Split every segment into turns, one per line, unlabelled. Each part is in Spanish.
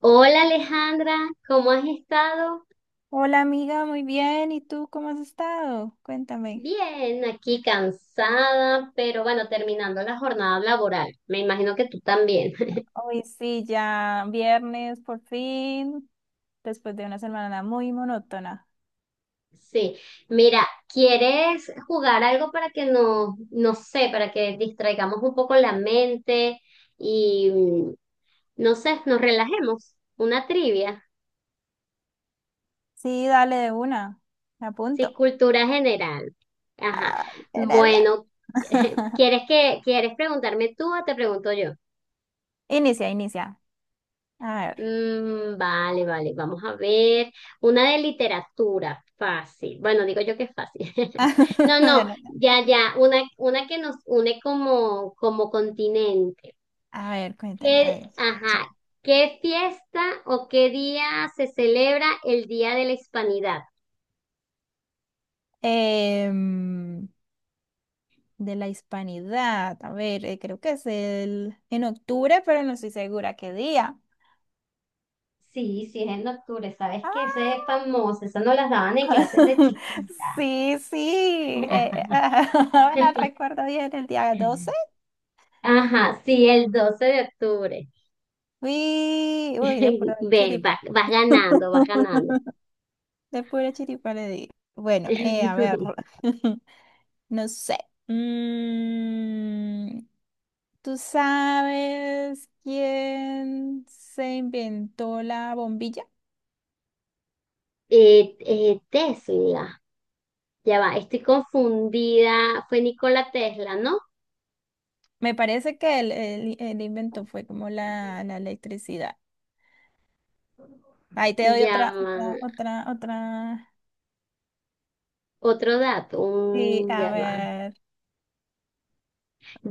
Hola Alejandra, ¿cómo has estado?
Hola amiga, muy bien. ¿Y tú cómo has estado? Cuéntame.
Bien, aquí cansada, pero bueno, terminando la jornada laboral. Me imagino que tú también.
Hoy sí, ya viernes por fin, después de una semana muy monótona.
Sí, mira, ¿quieres jugar algo para que nos, no sé, para que distraigamos un poco la mente y, no sé, nos relajemos? Una trivia,
Sí, dale de una. Me
sí,
apunto.
cultura general. Ajá.
Ay, qué nervios.
Bueno, ¿quieres que, quieres preguntarme tú o te pregunto yo?
Inicia, inicia. A ver.
Vale, vale, vamos a ver. Una de literatura, fácil. Bueno, digo yo que es fácil. No,
Ya
no,
no.
ya, ya, una que nos une como, como continente.
A ver, cuéntala. A
¿Qué,
ver,
ajá, qué fiesta o qué día se celebra el Día de la Hispanidad?
Em, de la hispanidad. A ver, creo que es el en octubre, pero no estoy segura qué día.
Sí, sí, es en octubre, sabes que ese es
¡Ah!
famoso, eso nos las daban en clases de chiquita.
Sí, sí. Bueno, recuerdo bien el día 12.
Ajá, sí, el 12 de octubre.
Uy, uy, de pura
Ves,
chiripa.
vas, vas ganando, vas ganando.
De pura chiripa le di. Bueno, a ver. No sé. Mm, ¿Tú sabes quién se inventó la bombilla?
Tesla, ya va, estoy confundida. Fue Nikola Tesla, ¿no?
Me parece que el invento fue como la electricidad. Ahí te doy
Ya
otra,
va.
otra, otra, otra.
Otro dato,
Sí, a
ya va.
ver.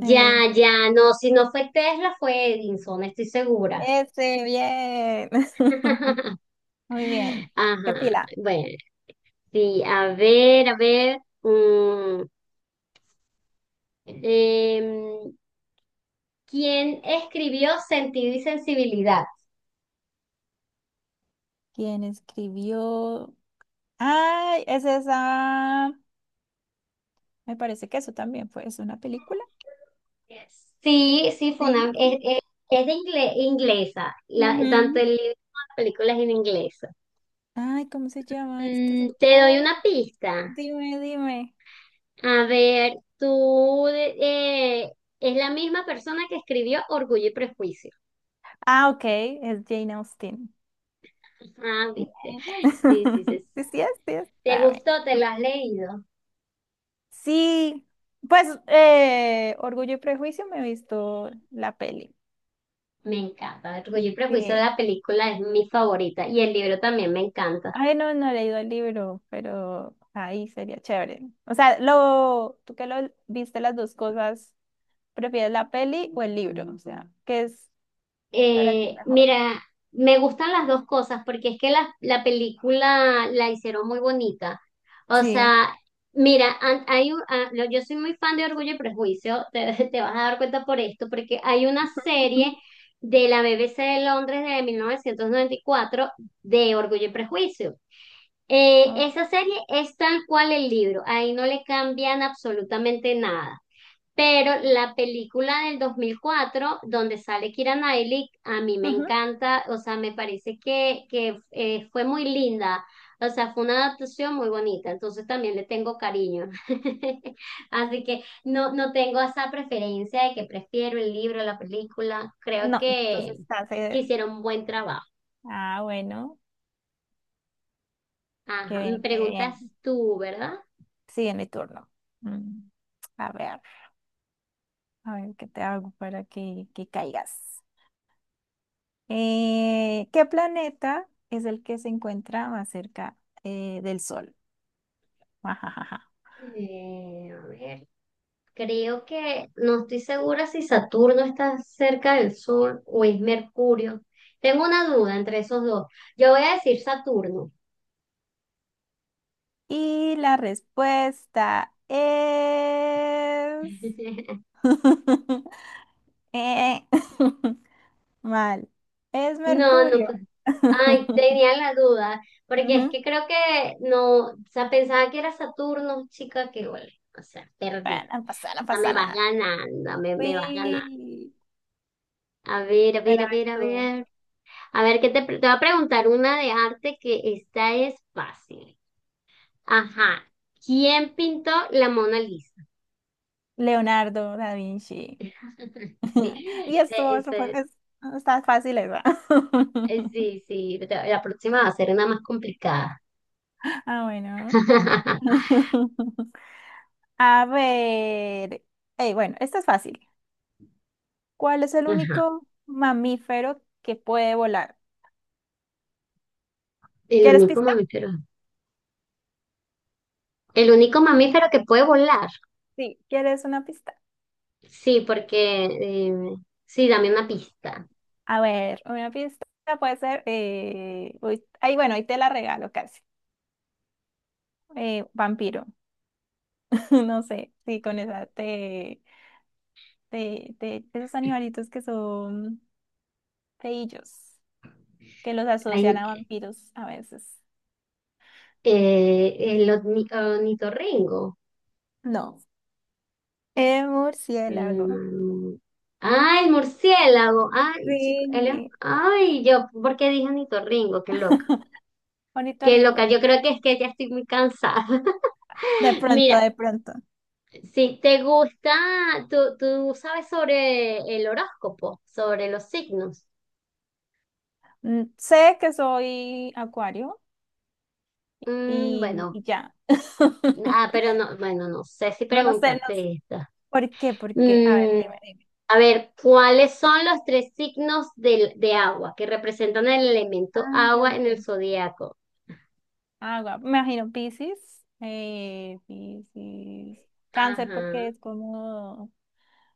eh,
ya, no, si no fue Tesla, fue Edison, estoy segura.
Ese, bien. Muy bien. ¿Qué
Ajá,
pila?
bueno, sí, a ver, a ver. mm, em, ¿Quién escribió Sentido y Sensibilidad?
¿Quién escribió? Ay, es esa. Me parece que eso también fue. ¿Es una película?
Sí, sí, fue una,
Sí, sí.
es de inglesa, la, tanto
Ujú.
el libro como la película es en inglés.
Ay, ¿cómo se llama esta
Mm, te doy
señor?
una pista.
Dime, dime.
A ver, tú, es la misma persona que escribió Orgullo y Prejuicio.
Ah, ok, es Jane Austen.
Ah, viste. Sí, sí, sí, sí.
Sí, sí es, sí es.
¿Te
Ah, bueno.
gustó? ¿Te lo has leído?
Sí, pues Orgullo y Prejuicio me he visto la peli.
Me encanta. Orgullo y Prejuicio,
Sí.
la película es mi favorita y el libro también me encanta.
Ay, no, no he leído el libro, pero ahí sería chévere. O sea, lo, tú que lo viste las dos cosas, ¿prefieres la peli o el libro? O sea, ¿qué es para ti mejor?
Mira, me gustan las dos cosas porque es que la película la hicieron muy bonita. O
Sí.
sea, mira, an- hay un- ah, lo- yo soy muy fan de Orgullo y Prejuicio, te vas a dar cuenta por esto, porque hay una serie
Ujú.
de la BBC de Londres de 1994 de Orgullo y Prejuicio.
Ah,
Esa serie es tal cual el libro, ahí no le cambian absolutamente nada. Pero la película del 2004 donde sale Keira Knightley, a mí me
ujú.
encanta, o sea, me parece que, que fue muy linda, o sea, fue una adaptación muy bonita, entonces también le tengo cariño. Así que no, no tengo esa preferencia de que prefiero el libro, la película, creo
No, entonces estás.
que hicieron un buen trabajo.
Ah, bueno,
Ajá,
qué
me
bien, qué
preguntas
bien.
tú, ¿verdad?
Sí en mi turno. Mm, A ver, a ver qué te hago para que caigas. ¿Qué planeta es el que se encuentra más cerca del Sol?
A ver, creo que no estoy segura si Saturno está cerca del Sol o es Mercurio. Tengo una duda entre esos dos. Yo voy a decir Saturno.
Y la respuesta es... Eh, Mal. Es
No, no,
Mercurio.
pues, ay, tenía la duda, porque es
Ujú.
que creo que no, o sea, pensaba que era Saturno, chica, que huele, o sea,
Bueno,
perdí,
no pasa, no
o sea, me
pasa
vas
nada.
ganando, me vas ganando.
Uy.
A ver, a ver,
Bueno, a
a
ver
ver, a
tú.
ver, a ver, que te, te voy a preguntar una de arte que esta es fácil. Ajá. ¿Quién pintó la Mona Lisa?
Leonardo da Vinci. Y
Sí,
esto es, está fácil eso.
sí, sí, la la próxima va a ser una más complicada.
Ah, bueno. A ver. Ey, bueno, esto es fácil. ¿Cuál es el
Ajá.
único mamífero que puede volar?
El
¿Quieres
único
pista?
mamífero. El único mamífero que puede volar.
Sí, ¿quieres una pista?
Sí, porque sí, dame una pista.
A ver, una pista puede ser, uy, ay, bueno, ahí te la regalo casi. Vampiro, no sé, sí, con esa esos animalitos que son feillos, que los asocian
Ay,
a vampiros a veces.
ornitorrinco.
No, murciélago.
Em, ay, murciélago. Ay, chico,
Sí.
yo, ¿por qué dije ornitorrinco? Qué loca.
Bonito
Qué loca,
rincón.
yo creo que es que ya estoy muy cansada.
De pronto,
Mira,
de pronto.
si te gusta, tú sabes sobre el horóscopo, sobre los signos.
Sé que soy acuario, y,
Bueno,
y ya.
ah, pero no, bueno, no sé si
No, no sé, no sé.
preguntarte esta.
¿Por qué? ¿Por qué? A ver,
Mm,
dime, dime.
a ver, ¿cuáles son los tres signos de agua que representan el elemento
Ay, Dios
agua en el
mío.
zodiaco?
Agua, me imagino Piscis, Piscis, cáncer
Ajá,
porque es como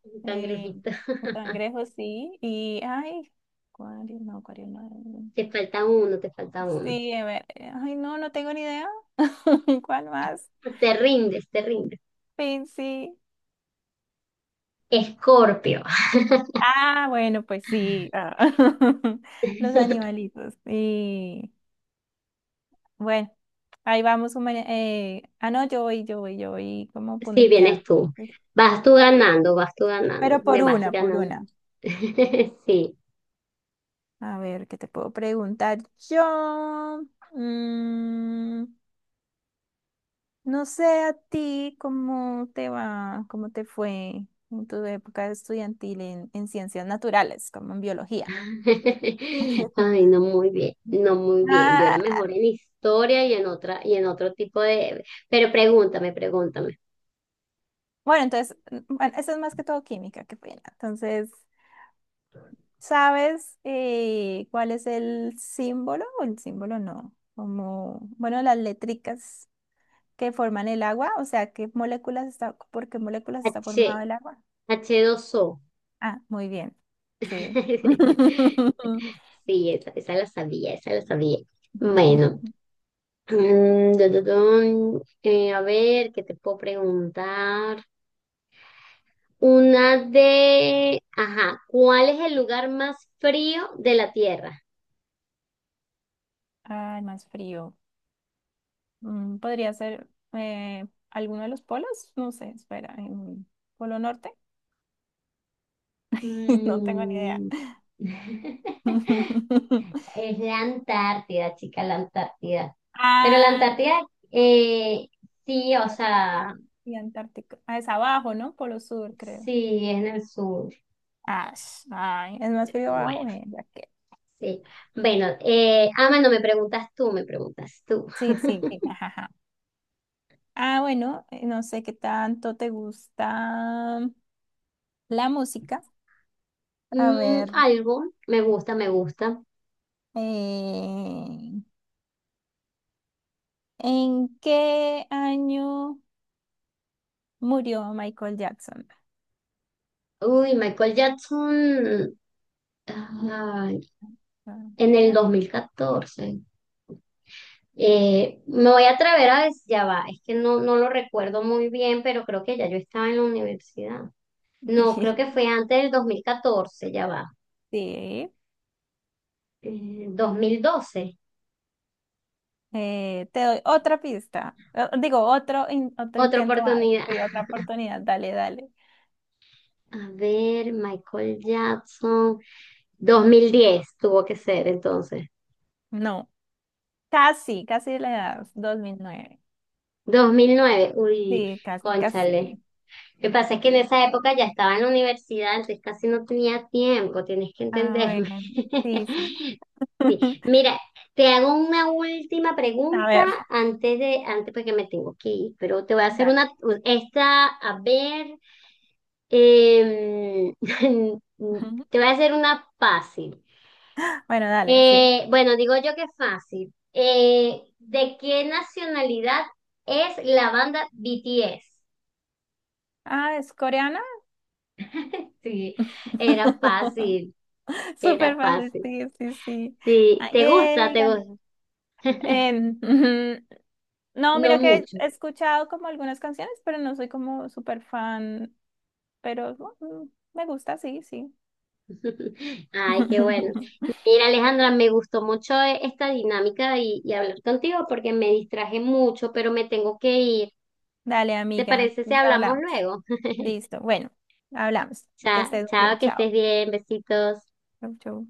un
eh,
cangrejito.
un cangrejo, sí, y ay, acuario, no, acuario no.
Te falta uno, te falta uno.
Sí, a ver, ay, no, no tengo ni idea. ¿Cuál más?
Te rindes, te rindes.
Piscis.
Escorpio.
Ah, bueno, pues sí, ah,
Sí,
Los animalitos, sí. Bueno. Ahí vamos, no, yo voy, yo voy, yo voy como
vienes
punteando.
tú. Vas tú ganando,
Pero
me
por
vas
una, por
ganando.
una.
Sí.
A ver, ¿qué te puedo preguntar yo? Mm, no sé a ti cómo te va, cómo te fue en tu época estudiantil en ciencias naturales, como en biología.
Ay, no muy bien, no muy bien. Yo era
Ah,
mejor en historia y en otra y en otro tipo de. Pero pregúntame, pregúntame.
bueno, entonces, bueno, eso es más que todo química, qué pena. Entonces, ¿sabes cuál es el símbolo? O el símbolo no, como, bueno, las letricas que forman el agua, o sea, ¿qué moléculas está, por qué moléculas está
H,
formado el agua?
h dos o.
Ah, muy bien, sí.
Sí, esa la sabía, esa la sabía. Bueno, dun, dun, dun. A ver, ¿qué te puedo preguntar? Una de... Ajá, ¿cuál es el lugar más frío de la Tierra?
Ay, más frío. Podría ser eh, alguno de los polos, no sé, espera, ¿Polo Norte? No tengo ni idea.
Mm. Es la Antártida, chica, la Antártida. Pero la
Ah,
Antártida, eh, sí, o
Ártico
sea,
y Antártico. Ah, es abajo, ¿no? Polo Sur, creo.
sí, es en el sur.
Ah, ay, es más frío
Bueno,
abajo, bueno, ya que.
sí. Bueno, no me preguntas tú, me preguntas tú.
Sí, sí, sí, jajaja. Ah, bueno, no sé qué tanto te gusta la música. A ver,
Algo, me gusta, me gusta.
eh, ¿en qué año murió Michael Jackson?
Uy, Michael Jackson ay,
Ah,
en el
ya.
2014. Me voy a atrever a decir, ya va, es que no, no lo recuerdo muy bien, pero creo que ya yo estaba en la universidad. No, creo que fue antes del 2014 ya va.
Sí,
2012,
te doy otra pista. Digo, otro
otra
intento más.
oportunidad.
Sí, otra oportunidad. Dale, dale.
A ver, Michael Jackson. 2010 tuvo que ser entonces.
No, casi, casi le das 2009.
2009, uy,
Sí, casi,
cónchale.
casi.
Lo que pasa es que en esa época ya estaba en la universidad, entonces casi no tenía tiempo, tienes que
A ver,
entenderme.
sí, sí.
Sí. Mira, te hago una última
A
pregunta
ver,
antes de, antes porque me tengo que ir, pero te voy a hacer
dale.
una, esta, a ver, em, te voy a hacer una fácil.
Bueno, dale, sí.
Bueno, digo yo que fácil. ¿De qué nacionalidad es la banda BTS?
Ah, ¿es coreana?
Sí, era fácil. Era
Súper fácil,
fácil.
sí, sí, sí.
Sí,
Ah,
¿te gusta?
yay,
¿Te
gané.
gusta?
Ujú. No,
No
mira que
mucho.
he escuchado como algunas canciones, pero no soy como súper fan, pero bueno, me gusta, sí, sí.
Ay, qué bueno. Mira, Alejandra, me gustó mucho esta dinámica y hablar contigo porque me distraje mucho, pero me tengo que ir.
Dale,
¿Te
amiga,
parece si
pues
hablamos
hablamos.
luego?
Listo, bueno, hablamos. Que
Chao,
estés muy
chao,
bien,
que
chao.
estés bien, besitos.
Chau, chau.